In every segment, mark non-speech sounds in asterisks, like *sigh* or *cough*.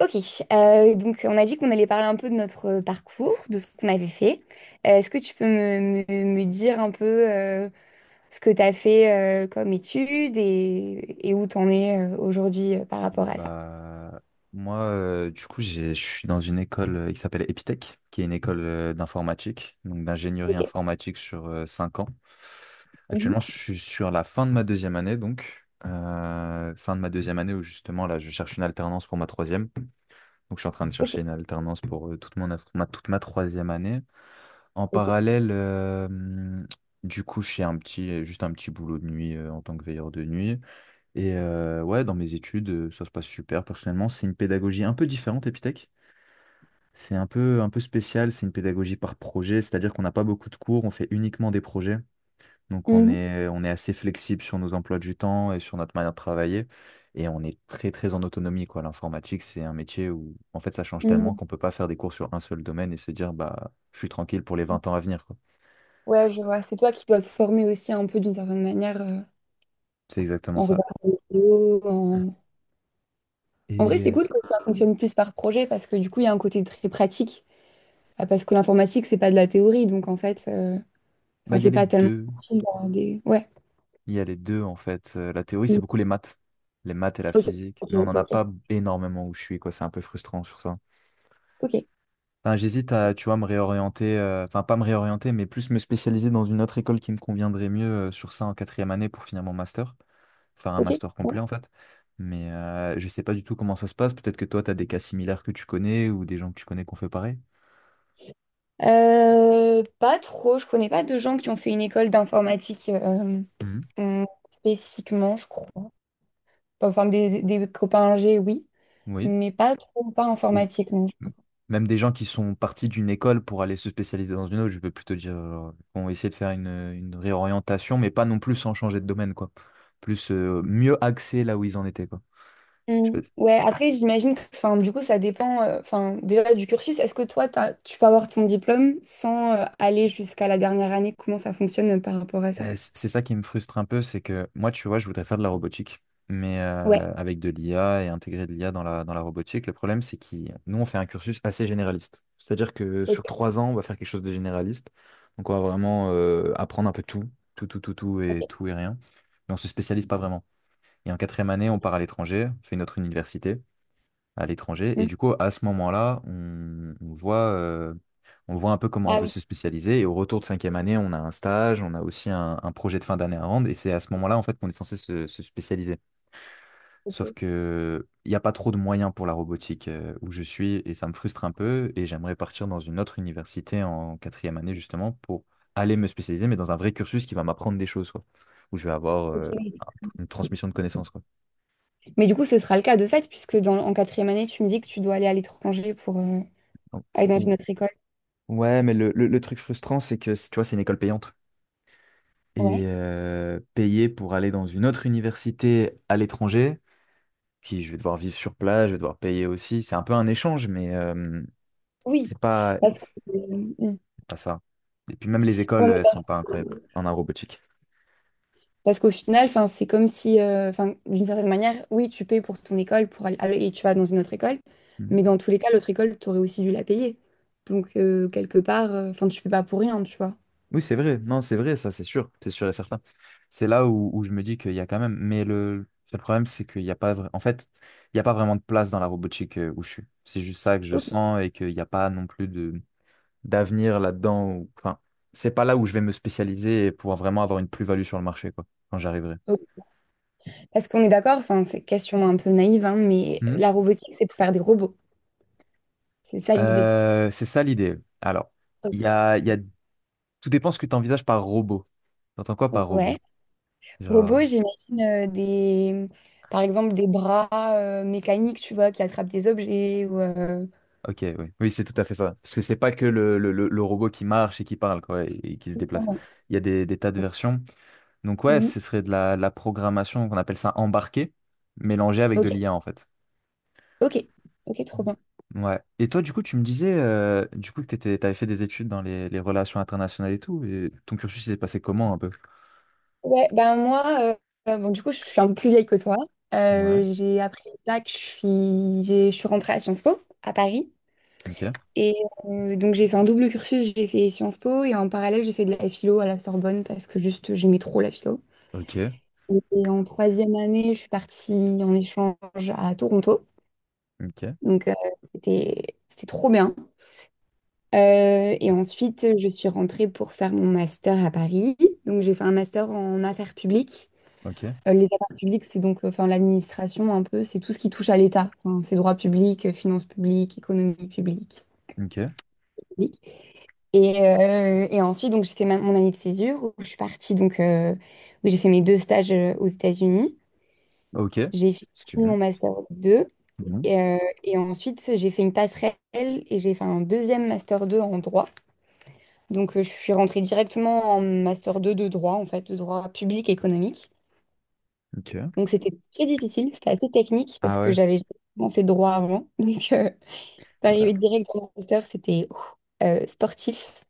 Ok. Donc on a dit qu'on allait parler un peu de notre parcours, de ce qu'on avait fait. Est-ce que tu peux me dire un peu euh, ce que tu as fait comme études et où tu en es aujourd'hui par rapport à ça? Bah, moi, du coup, je suis dans une école qui s'appelle Epitech, qui est une école d'informatique, donc d'ingénierie Ok. informatique sur 5 ans. Mhm. Actuellement, je suis sur la fin de ma deuxième année, où justement là, je cherche une alternance pour ma troisième. Donc, je suis en train de Ok. chercher une alternance pour toute ma troisième année. En parallèle, du coup, je fais juste un petit boulot de nuit en tant que veilleur de nuit. Et ouais, dans mes études, ça se passe super. Personnellement, c'est une pédagogie un peu différente, Epitech. C'est un peu spécial, c'est une pédagogie par projet, c'est-à-dire qu'on n'a pas beaucoup de cours, on fait uniquement des projets. Donc Mhm. On est assez flexible sur nos emplois du temps et sur notre manière de travailler. Et on est très, très en autonomie, quoi. L'informatique, c'est un métier où, en fait, ça change tellement Mhm. qu'on peut pas faire des cours sur un seul domaine et se dire, bah, je suis tranquille pour les 20 ans à venir, quoi. Ouais, je vois. C'est toi qui dois te former aussi un peu d'une certaine manière C'est exactement en ça. regardant des vidéos. En vrai, Et c'est cool que ça fonctionne plus par projet parce que du coup, il y a un côté très pratique. Ah, parce que l'informatique, c'est pas de la théorie. Donc en fait, bah, enfin, il y a c'est les pas tellement deux. facile d'avoir des... Ouais. Il y a les deux, en fait. La théorie, c'est Mm. beaucoup les maths. Les maths et la Ok, physique. ok, Mais on n'en ok, a ok. pas énormément où je suis, quoi. C'est un peu frustrant sur ça. Ok, Enfin, j'hésite à, tu vois, me réorienter, enfin, pas me réorienter, mais plus me spécialiser dans une autre école qui me conviendrait mieux sur ça en quatrième année pour finir mon master. Faire un ok, master ouais. complet, en fait. Mais je sais pas du tout comment ça se passe. Peut-être que toi, tu as des cas similaires que tu connais ou des gens que tu connais qui ont fait pareil. Pas trop. Je connais pas de gens qui ont fait une école d'informatique, Mhm. euh, spécifiquement, je crois. Enfin, des copains G, oui, Oui. mais pas trop, pas informatique, non. Même des gens qui sont partis d'une école pour aller se spécialiser dans une autre, je veux plutôt dire, genre, vont essayer de faire une réorientation, mais pas non plus sans changer de domaine, quoi. Plus mieux axer là où ils en étaient, quoi. Je Mm. sais pas. Ouais, après, j'imagine que, enfin, du coup, ça dépend, enfin, déjà du cursus. Est-ce que toi, tu peux avoir ton diplôme sans aller jusqu'à la dernière année? Comment ça fonctionne par rapport à ça? C'est ça qui me frustre un peu, c'est que moi, tu vois, je voudrais faire de la robotique, mais Ouais. Avec de l'IA et intégrer de l'IA dans la robotique. Le problème, c'est que nous, on fait un cursus assez généraliste. C'est-à-dire que sur Ok, 3 ans, on va faire quelque chose de généraliste. Donc, on va vraiment apprendre un peu tout, tout, tout, tout, tout et ok. tout et rien. Mais on se spécialise pas vraiment. Et en quatrième année, on part à l'étranger, on fait une autre université à l'étranger. Et Mm. du coup, à ce moment-là, on voit un peu comment on Ah veut oui. se spécialiser. Et au retour de cinquième année, on a un stage, on a aussi un projet de fin d'année à rendre. Et c'est à ce moment-là, en fait, qu'on est censé se spécialiser. Sauf que il n'y a pas trop de moyens pour la robotique où je suis, et ça me frustre un peu. Et j'aimerais partir dans une autre université en quatrième année, justement, pour aller me spécialiser, mais dans un vrai cursus qui va m'apprendre des choses, quoi, où je vais avoir Ok, oui. un- une transmission de connaissances, quoi. Mais du coup, ce sera le cas de fait, puisque en quatrième année, tu me dis que tu dois aller à l'étranger pour Donc, aller dans une où- autre école. Ouais, mais le truc frustrant, c'est que, tu vois, c'est une école payante. Et Ouais. Payer pour aller dans une autre université à l'étranger, qui je vais devoir vivre sur place, je vais devoir payer aussi. C'est un peu un échange, mais Oui. C'est Parce que, mm. pas ça. Et puis même les Ouais, écoles, mais elles sont pas incroyables parce- en aérobotique. Parce qu'au final, enfin, c'est comme si, enfin, d'une certaine manière, oui, tu payes pour ton école pour et tu vas dans une autre école, Mhm. mais dans tous les cas, l'autre école, tu aurais aussi dû la payer. Donc, quelque part, enfin, tu peux pas pour rien, tu vois. Oui, c'est vrai. Non, c'est vrai, ça, c'est sûr. C'est sûr et certain. C'est là où je me dis qu'il y a quand même. Mais le seul problème, c'est qu'il n'y a pas. En fait, il n'y a pas vraiment de place dans la robotique où je suis. C'est juste ça que je Ok. sens et qu'il n'y a pas non plus de d'avenir là-dedans. Enfin, c'est pas là où je vais me spécialiser et pouvoir vraiment avoir une plus-value sur le marché, quoi, quand j'arriverai. Ok. Parce qu'on est d'accord, enfin, c'est question un peu naïve, hein, mais Mhm. la robotique, c'est pour faire des robots. C'est ça l'idée. C'est ça l'idée. Alors, Ok. il y a, il y a- tout dépend ce que tu envisages par robot. T'entends quoi par robot? Ouais. Genre, Robots, j'imagine par exemple, des bras mécaniques, tu vois, qui attrapent des objets ou, ok, oui, oui, c'est tout à fait ça. Parce que c'est pas que le robot qui marche et qui parle, quoi, et qui se déplace. Il y a des tas de versions. Donc, ouais, mhm. ce serait de la programmation qu'on appelle ça embarquée, mélangée avec Ok, de l'IA, en fait. ok, ok, trop Mhm. bien. Ouais. Et toi, du coup, tu me disais que t'avais fait des études dans les relations internationales et tout, et ton cursus il s'est passé comment un peu? Ouais, ben moi, bon, du coup, je suis un peu plus vieille que toi. Ouais. J'ai après le bac, je suis rentrée à Sciences Po, à Paris. Ok. Et donc, j'ai fait un double cursus, j'ai fait Sciences Po et en parallèle, j'ai fait de la philo à la Sorbonne parce que juste, j'aimais trop la philo. Ok. Et en troisième année, je suis partie en échange à Toronto. Ok. Donc, c'était, c'était trop bien. Et ensuite, je suis rentrée pour faire mon master à Paris. Donc, j'ai fait un master en affaires publiques. Ok. Les affaires publiques, c'est donc enfin, l'administration un peu, c'est tout ce qui touche à l'État. Enfin, c'est droit public, finances publiques, économie publique. Ok. Publique. Et ensuite, donc, j'ai fait mon année de césure où je suis partie, donc, où j'ai fait mes deux stages aux États-Unis. Ok. J'ai Si tu fini veux. mon master 2 Mhm. et, euh, et ensuite, j'ai fait une passerelle et j'ai fait un deuxième master 2 en droit. Donc, je suis rentrée directement en master 2 de droit, en fait, de droit public économique. Ok. Donc c'était très difficile, c'était assez technique parce Ah que ouais. j'avais jamais fait droit avant. *laughs* Donc Bah, d'arriver direct dans le master, c'était ouf, sportif.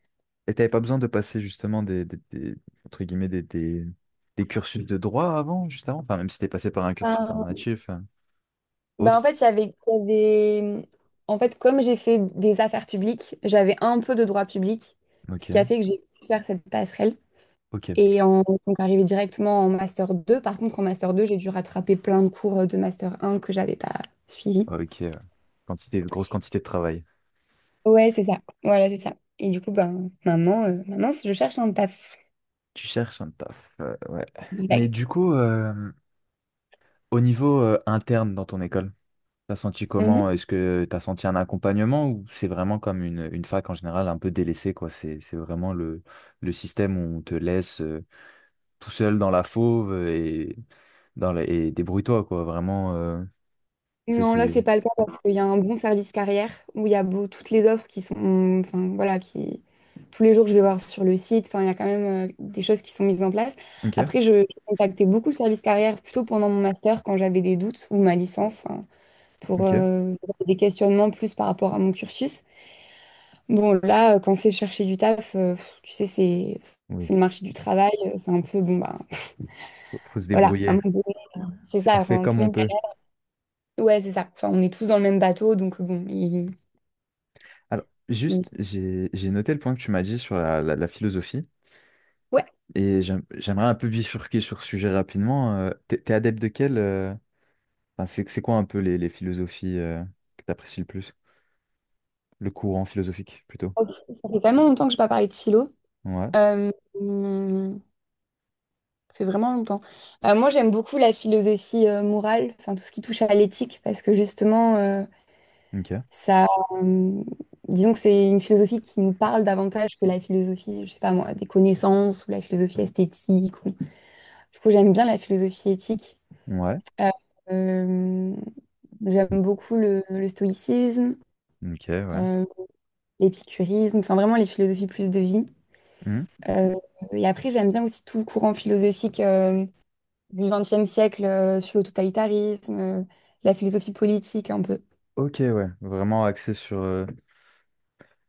et t'avais pas besoin de passer justement entre guillemets des cursus de droit avant, juste avant? Enfin, même si t'es passé par un cursus Ben, alternatif, ben, en autre. fait, en fait, comme j'ai fait des affaires publiques, j'avais un peu de droit public, Ok. ce qui a fait que j'ai pu faire cette passerelle. Ok. Donc arrivé directement en master deux. Par contre, en master 2 j'ai dû rattraper plein de cours de master un que j'avais pas suivis. Ok. Grosse quantité de travail. Ouais, c'est ça. Voilà, c'est ça. Et du coup, ben, maintenant, maintenant, je cherche un taf. Tu cherches un taf, ouais. Mais Exact. du coup, au niveau interne dans ton école, t'as senti comment? Est-ce que t'as senti un accompagnement ou c'est vraiment comme une fac en général un peu délaissée, quoi? C'est vraiment le système où on te laisse tout seul dans la fauve et, et débrouille-toi, quoi. Vraiment, c'est... Non, là, c'est c'est- pas le cas parce qu'il y a un bon service carrière où il y a toutes les offres enfin voilà, qui tous les jours je vais voir sur le site. Enfin, il y a quand même des choses qui sont mises en place. ok, Après, je contactais beaucoup le service carrière plutôt pendant mon master quand j'avais des doutes ou ma licence hein, pour ok. Des questionnements plus par rapport à mon cursus. Bon, là, quand c'est chercher du taf, pff, tu sais, c'est Oui, c'est le marché du travail, c'est un peu bon bah faut se voilà, à un débrouiller. moment donné, c'est On ça. fait Enfin, comme tout le on monde, peut. ouais, c'est ça. Enfin, on est tous dans le même bateau, donc bon. Alors, il- juste, j'ai noté le point que tu m'as dit sur la philosophie. Ouais. Et j'aimerais un peu bifurquer sur ce sujet rapidement. T'es t'es adepte de quel enfin, c'est quoi un peu les philosophies que t'apprécies le plus? Le courant philosophique, plutôt. Ok, ça fait tellement longtemps que je n'ai pas parlé de philo. Ouais, Euh, hum, ça fait vraiment longtemps. Moi, j'aime beaucoup la philosophie morale, enfin tout ce qui touche à l'éthique, parce que justement, ok. ça, disons que c'est une philosophie qui nous parle davantage que la philosophie, je sais pas moi, des connaissances ou la philosophie esthétique. Du coup, j'aime bien la philosophie éthique. Ouais, Euh, euh, J'aime beaucoup le stoïcisme, ok, ouais. euh, l'épicurisme, enfin vraiment les philosophies plus de vie. Hmm. Euh, et après, j'aime bien aussi tout le courant philosophique du XXe siècle sur le totalitarisme, la philosophie politique un peu. Ok, ouais. Vraiment axé sur...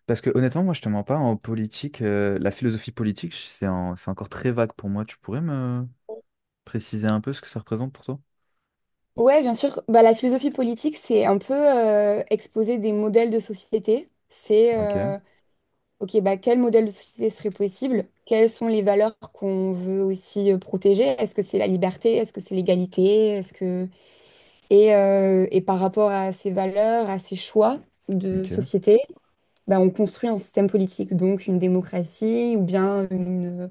Parce que honnêtement, moi, je te mens pas, en politique, la philosophie politique, c'est encore très vague pour moi. Tu pourrais me préciser un peu ce que ça représente pour toi? Ouais, bien sûr. Bah, la philosophie politique, c'est un peu exposer des modèles de société. C'est, Ok, OK, bah, quel modèle de société serait possible? Quelles sont les valeurs qu'on veut aussi protéger? Est-ce que c'est la liberté? Est-ce que c'est l'égalité? Est-ce que... et par rapport à ces valeurs, à ces choix de ok. société, bah, on construit un système politique, donc une démocratie ou bien une,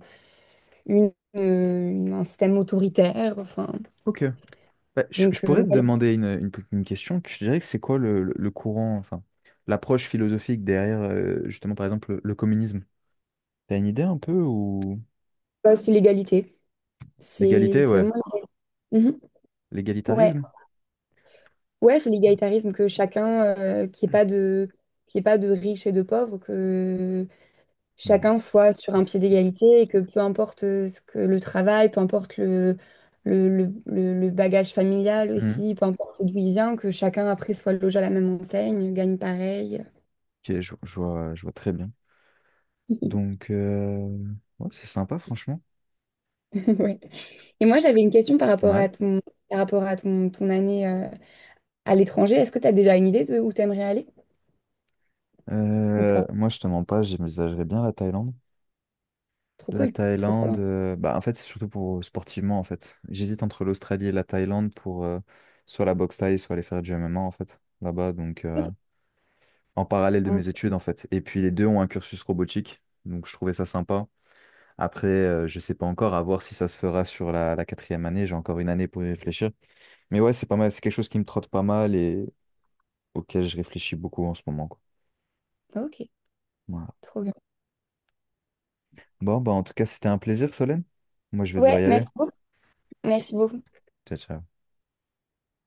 une- une- un système autoritaire. Enfin, Ok. Bah, je donc, pourrais te ouais, demander une question. Tu dirais que c'est quoi le courant, enfin, l'approche philosophique derrière, justement, par exemple, le communisme? T'as une idée un peu ou ouais, c'est l'égalité. C'est l'égalité, c'est ouais, vraiment. Mhm. Ouais, l'égalitarisme? ouais, c'est l'égalitarisme, que chacun, qu'il n'y ait pas de, qu'il y ait pas de riches et de pauvres, que Oui, chacun soit sur un c'est pied tout ça. d'égalité et que peu importe ce que le travail, peu importe le bagage familial Mhm. aussi, peu importe d'où il vient, que chacun après soit logé à la même enseigne, gagne pareil. Ok, je vois très bien. *laughs* Donc, ouais, c'est sympa, franchement. *laughs* Ouais. Et moi, j'avais une question par rapport Ouais. à ton, par rapport à ton, ton année à l'étranger. Est-ce que tu as déjà une idée de où tu aimerais aller ou Euh, pas? moi, je te mens pas, j'envisagerais bien la Thaïlande. Trop La cool, trop trop Thaïlande, bien. Bah en fait c'est surtout pour sportivement en fait. J'hésite entre l'Australie et la Thaïlande pour soit la boxe thaï, soit aller faire du MMA en fait là-bas. Donc en parallèle de Mm. mes études en fait. Et puis les deux ont un cursus robotique, donc je trouvais ça sympa. Après je sais pas encore à voir si ça se fera sur la quatrième année. J'ai encore une année pour y réfléchir. Mais ouais, c'est pas mal, c'est quelque chose qui me trotte pas mal et auquel je réfléchis beaucoup en ce moment, quoi. Ok, Voilà. trop bien. Bon, bah, en tout cas, c'était un plaisir, Solène. Moi, je vais devoir Ouais, y aller. merci beaucoup. Merci beaucoup. Ciao, ciao.